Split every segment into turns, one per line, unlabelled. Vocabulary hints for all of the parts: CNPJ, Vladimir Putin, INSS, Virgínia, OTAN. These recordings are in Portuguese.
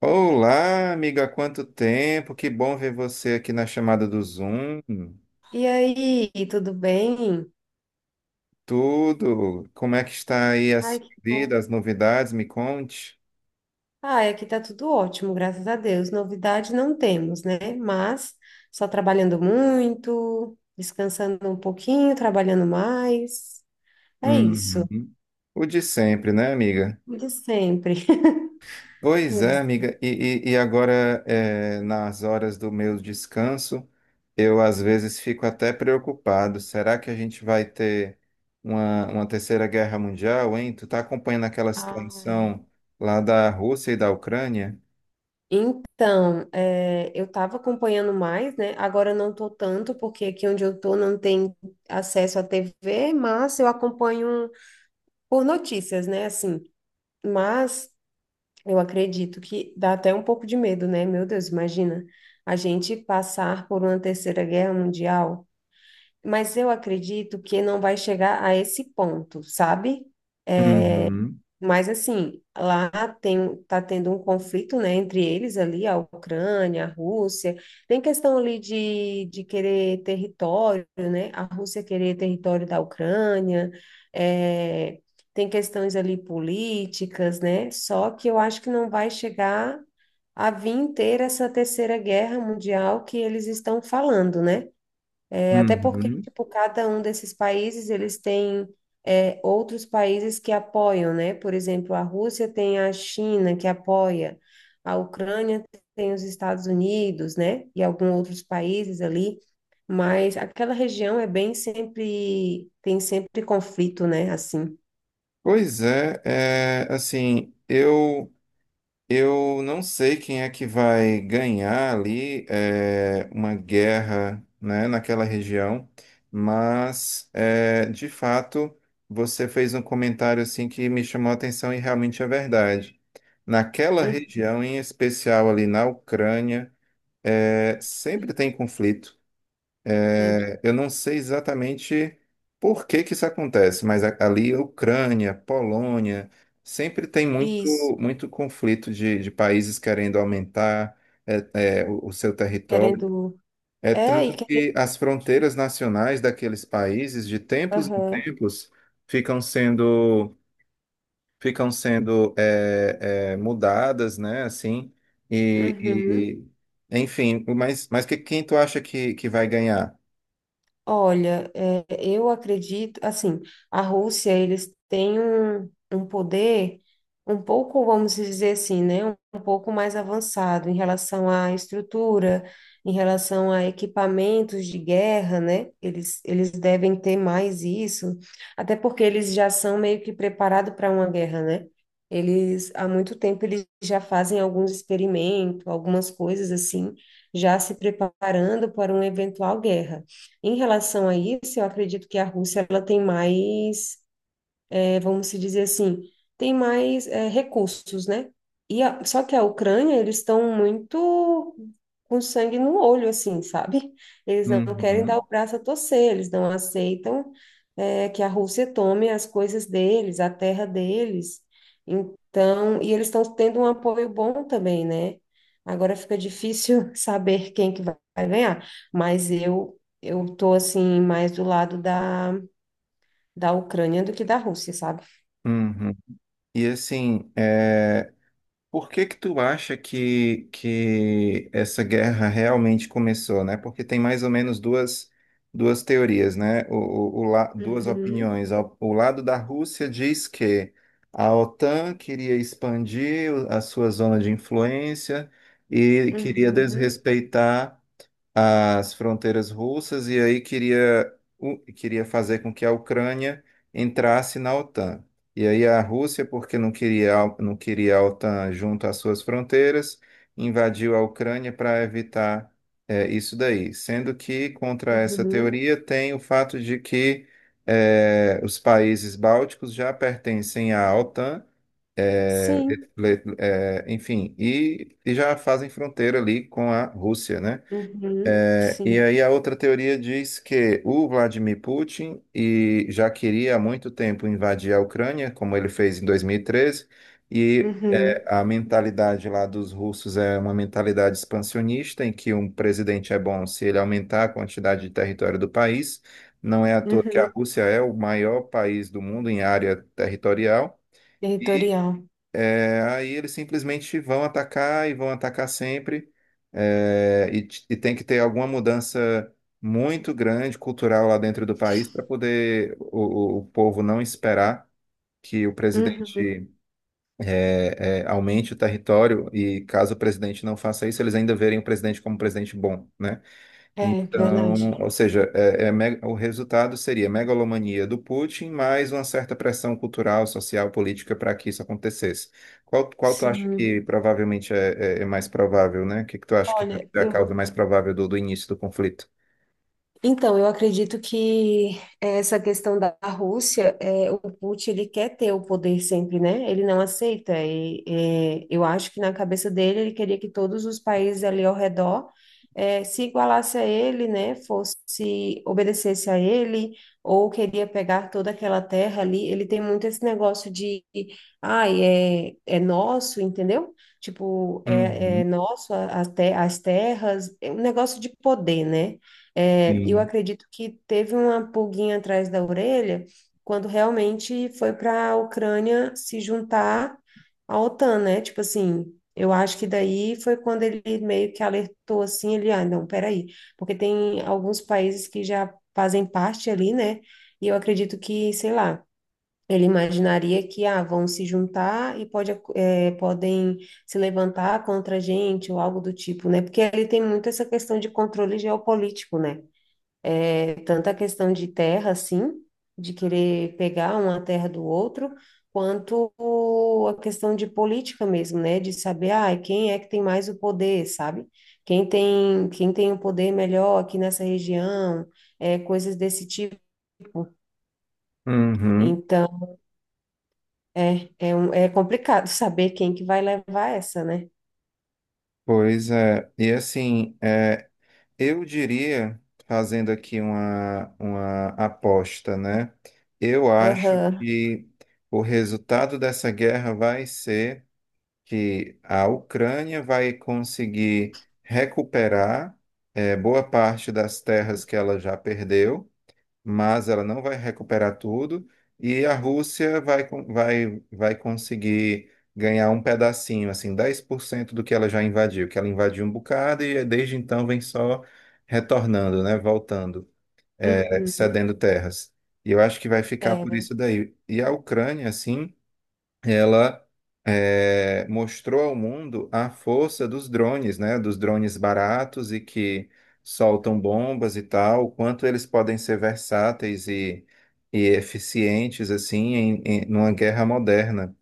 Olá, amiga, há quanto tempo! Que bom ver você aqui na chamada do Zoom.
E aí, tudo bem?
Tudo? Como é que está aí a
Ai,
sua
que bom.
vida, as novidades? Me conte.
Ai, aqui tá tudo ótimo, graças a Deus. Novidade não temos, né? Mas só trabalhando muito, descansando um pouquinho, trabalhando mais. É isso,
Uhum. O de sempre, né, amiga?
o de sempre. O
Pois é,
de-
amiga. E agora, nas horas do meu descanso, eu às vezes fico até preocupado. Será que a gente vai ter uma terceira guerra mundial, hein? Tu tá acompanhando aquela
Ai,
situação lá da Rússia e da Ucrânia?
então, eu estava acompanhando mais, né? Agora eu não tô tanto, porque aqui onde eu tô não tem acesso à TV, mas eu acompanho por notícias, né? Assim, mas eu acredito que dá até um pouco de medo, né? Meu Deus, imagina a gente passar por uma terceira guerra mundial. Mas eu acredito que não vai chegar a esse ponto, sabe?
Uhum,
Mas assim, lá tá tendo um conflito, né, entre eles ali, a Ucrânia, a Rússia. Tem questão ali de querer território, né? A Rússia querer território da Ucrânia. é, Tem questões ali políticas, né? Só que eu acho que não vai chegar a vir ter essa terceira guerra mundial que eles estão falando, né? É, Até porque,
uhum.
tipo, cada um desses países, eles têm outros países que apoiam, né? Por exemplo, a Rússia tem a China que apoia, a Ucrânia tem os Estados Unidos, né? E alguns outros países ali, mas aquela região é bem sempre, tem sempre conflito, né? Assim,
Pois é, assim, eu não sei quem é que vai ganhar ali uma guerra, né, naquela região, mas de fato você fez um comentário assim que me chamou a atenção e realmente é verdade. Naquela
uhum,
região, em especial ali na Ucrânia, sempre tem conflito.
sempre
Eu não sei exatamente por que que isso acontece, mas ali Ucrânia, Polônia, sempre tem muito,
isso,
muito conflito de países querendo aumentar o seu território.
querendo,
É
é,
tanto
e querendo,
que as fronteiras nacionais daqueles países, de tempos em
aham,
tempos, ficam sendo, ficam sendo mudadas, né? Assim,
uhum.
e, enfim, mas quem tu acha que vai ganhar?
Olha, eu acredito, assim, a Rússia, eles têm um poder um pouco, vamos dizer assim, né, um pouco mais avançado em relação à estrutura, em relação a equipamentos de guerra, né, eles devem ter mais isso, até porque eles já são meio que preparados para uma guerra, né, eles, há muito tempo, eles já fazem alguns experimentos, algumas coisas assim, já se preparando para uma eventual guerra. Em relação a isso, eu acredito que a Rússia ela tem mais vamos se dizer assim, tem mais recursos, né? E a- só que a Ucrânia, eles estão muito com sangue no olho, assim, sabe? Eles não querem dar
Uhum.
o braço a torcer, eles não aceitam que a Rússia tome as coisas deles, a terra deles. Então, e eles estão tendo um apoio bom também, né? Agora fica difícil saber quem que vai ganhar, mas eu tô assim mais do lado da, da Ucrânia do que da Rússia, sabe?
Uhum. E assim, por que tu acha que essa guerra realmente começou, né? Porque tem mais ou menos duas teorias, né? Duas
Uhum,
opiniões. O lado da Rússia diz que a OTAN queria expandir a sua zona de influência e queria
uhum,
desrespeitar as fronteiras russas e aí queria fazer com que a Ucrânia entrasse na OTAN. E aí a Rússia, porque não queria a OTAN junto às suas fronteiras, invadiu a Ucrânia para evitar isso daí. Sendo que contra essa
uhum,
teoria tem o fato de que os países bálticos já pertencem à OTAN. é,
sim,
Enfim, e já fazem fronteira ali com a Rússia, né?
uhum,
E
sim.
aí a outra teoria diz que o Vladimir Putin e já queria há muito tempo invadir a Ucrânia, como ele fez em 2013, e
Uhum,
a mentalidade lá dos russos é uma mentalidade expansionista, em que um presidente é bom se ele aumentar a quantidade de território do país. Não é à toa que a
uhum,
Rússia é o maior país do mundo em área territorial.
territorial.
Aí eles simplesmente vão atacar e vão atacar sempre. E tem que ter alguma mudança muito grande cultural lá dentro do país para poder o povo não esperar que o
Uhum.
presidente aumente o território. E caso o presidente não faça isso, eles ainda verem o presidente como um presidente bom, né?
É,
Então,
verdade.
ou seja, o resultado seria megalomania do Putin mais uma certa pressão cultural, social, política para que isso acontecesse. Qual tu acha
Sim.
que provavelmente é mais provável, né? O que tu acha que
Olha,
é a
eu
causa mais provável do início do conflito?
então, eu acredito que essa questão da Rússia, é, o Putin, ele quer ter o poder sempre, né? Ele não aceita. E, é, eu acho que na cabeça dele, ele queria que todos os países ali ao redor, se igualasse a ele, né? Fosse, obedecesse a ele, ou queria pegar toda aquela terra ali. Ele tem muito esse negócio de, ai, é, é nosso, entendeu? Tipo, é,
Uhum,
é nosso a te- as terras, é um negócio de poder, né? É, eu
sim.
acredito que teve uma pulguinha atrás da orelha quando realmente foi para a Ucrânia se juntar à OTAN, né? Tipo assim, eu acho que daí foi quando ele meio que alertou assim, ele, ah, não, peraí, porque tem alguns países que já fazem parte ali, né? E eu acredito que, sei lá, ele imaginaria que, ah, vão se juntar e pode, ac- é, podem se levantar contra a gente ou algo do tipo, né? Porque ele tem muito essa questão de controle geopolítico, né? Tanto a questão de terra, assim, de querer pegar uma terra do outro, quanto a questão de política mesmo, né? De saber, ah, quem é que tem mais o poder, sabe? Quem tem o poder melhor aqui nessa região, é, coisas desse tipo.
Uhum,
Então, um- é complicado saber quem que vai levar essa, né?
pois é. E assim, eu diria, fazendo aqui uma aposta, né? Eu acho
Aham.
que o resultado dessa guerra vai ser que a Ucrânia vai conseguir recuperar boa parte das terras que ela já perdeu, mas ela não vai recuperar tudo, e a Rússia vai conseguir ganhar um pedacinho, assim, 10% do que ela já invadiu, que ela invadiu um bocado e desde então vem só retornando, né, voltando,
Uhum.
cedendo terras. E eu acho que vai ficar
É,
por
verdade.
isso daí. E a Ucrânia, assim ela mostrou ao mundo a força dos drones, né? Dos drones baratos e que soltam bombas e tal, o quanto eles podem ser versáteis e eficientes assim numa guerra moderna.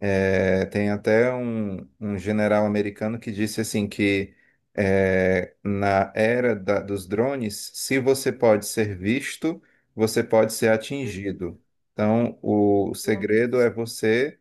Tem até um general americano que disse assim que na era dos drones, se você pode ser visto, você pode ser atingido. Então, o segredo é
Nossa.
você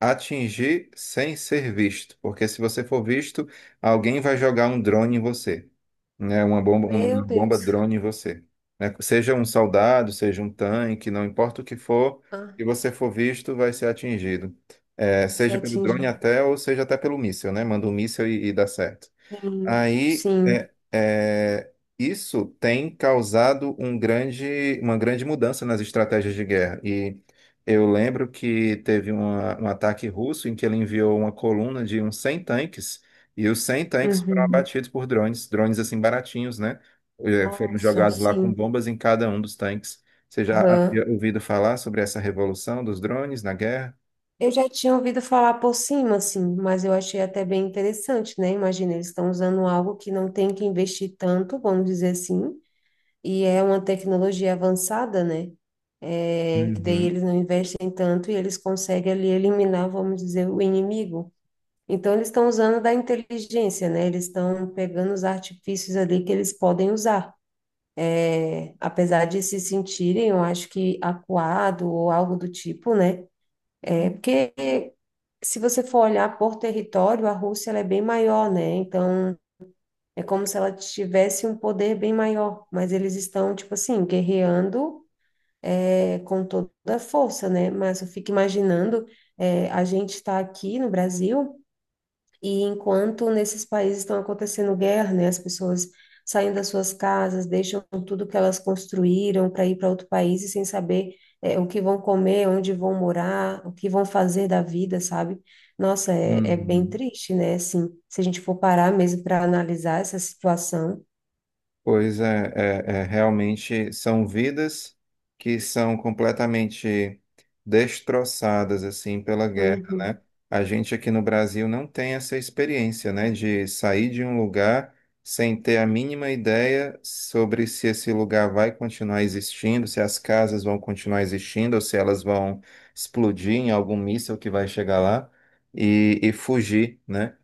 atingir sem ser visto, porque se você for visto, alguém vai jogar um drone em você, né? Uma bomba, uma
Meu
bomba
Deus.
drone em você, né? Seja um soldado, seja um tanque, não importa o que for, se
Aham.
você for visto, vai ser atingido. É,
Você
seja pelo
atinge.
drone até ou seja até pelo míssil, né? Manda um míssil e dá certo.
Sim.
Aí,
Sim.
isso tem causado uma grande mudança nas estratégias de guerra. E eu lembro que teve um ataque russo em que ele enviou uma coluna de uns 100 tanques, e os 100 tanques foram
Uhum.
abatidos por drones, drones assim baratinhos, né? Foram
Nossa,
jogados lá com
sim.
bombas em cada um dos tanques. Você já
Aham.
havia ouvido falar sobre essa revolução dos drones na guerra?
Eu já tinha ouvido falar por cima, assim, mas eu achei até bem interessante, né? Imagina, eles estão usando algo que não tem que investir tanto, vamos dizer assim, e é uma tecnologia avançada, né? É, que daí
Uhum,
eles não investem tanto e eles conseguem ali eliminar, vamos dizer, o inimigo. Então, eles estão usando da inteligência, né? Eles estão pegando os artifícios ali que eles podem usar. Apesar de se sentirem, eu acho que acuado ou algo do tipo, né? É porque se você for olhar por território, a Rússia ela é bem maior, né? Então é como se ela tivesse um poder bem maior, mas eles estão tipo assim guerreando com toda a força, né? Mas eu fico imaginando a gente está aqui no Brasil e enquanto nesses países estão acontecendo guerra, né, as pessoas saem das suas casas, deixam tudo que elas construíram para ir para outro país e sem saber o que vão comer, onde vão morar, o que vão fazer da vida, sabe? Nossa, é bem
uhum.
triste, né? Assim, se a gente for parar mesmo para analisar essa situação.
Pois é, realmente são vidas que são completamente destroçadas assim pela guerra,
Uhum.
né? A gente aqui no Brasil não tem essa experiência, né, de sair de um lugar sem ter a mínima ideia sobre se esse lugar vai continuar existindo, se as casas vão continuar existindo, ou se elas vão explodir em algum míssil que vai chegar lá e fugir, né?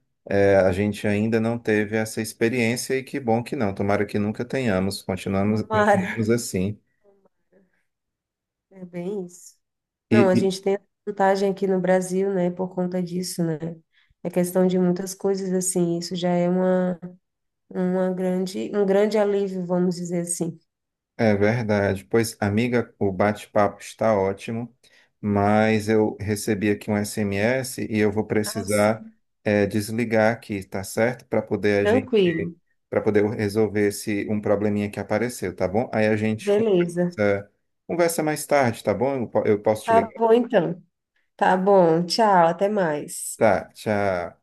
A gente ainda não teve essa experiência e que bom que não. Tomara que nunca tenhamos. Continuamos, continuamos
Tomara.
assim.
É bem isso.
E
Não, a
e-
gente tem a vantagem aqui no Brasil, né, por conta disso, né? É questão de muitas coisas, assim, isso já é uma grande, um grande alívio, vamos dizer assim.
É verdade. Pois, amiga, o bate-papo está ótimo, mas eu recebi aqui um SMS e eu vou
Ah,
precisar
sim.
desligar aqui, tá certo?
Tranquilo,
Para poder resolver esse um probleminha que apareceu, tá bom? Aí a gente
beleza.
conversa, conversa mais tarde, tá bom? Eu posso te
Tá
ligar.
bom então. Tá bom, tchau, até mais.
Tá, tchau.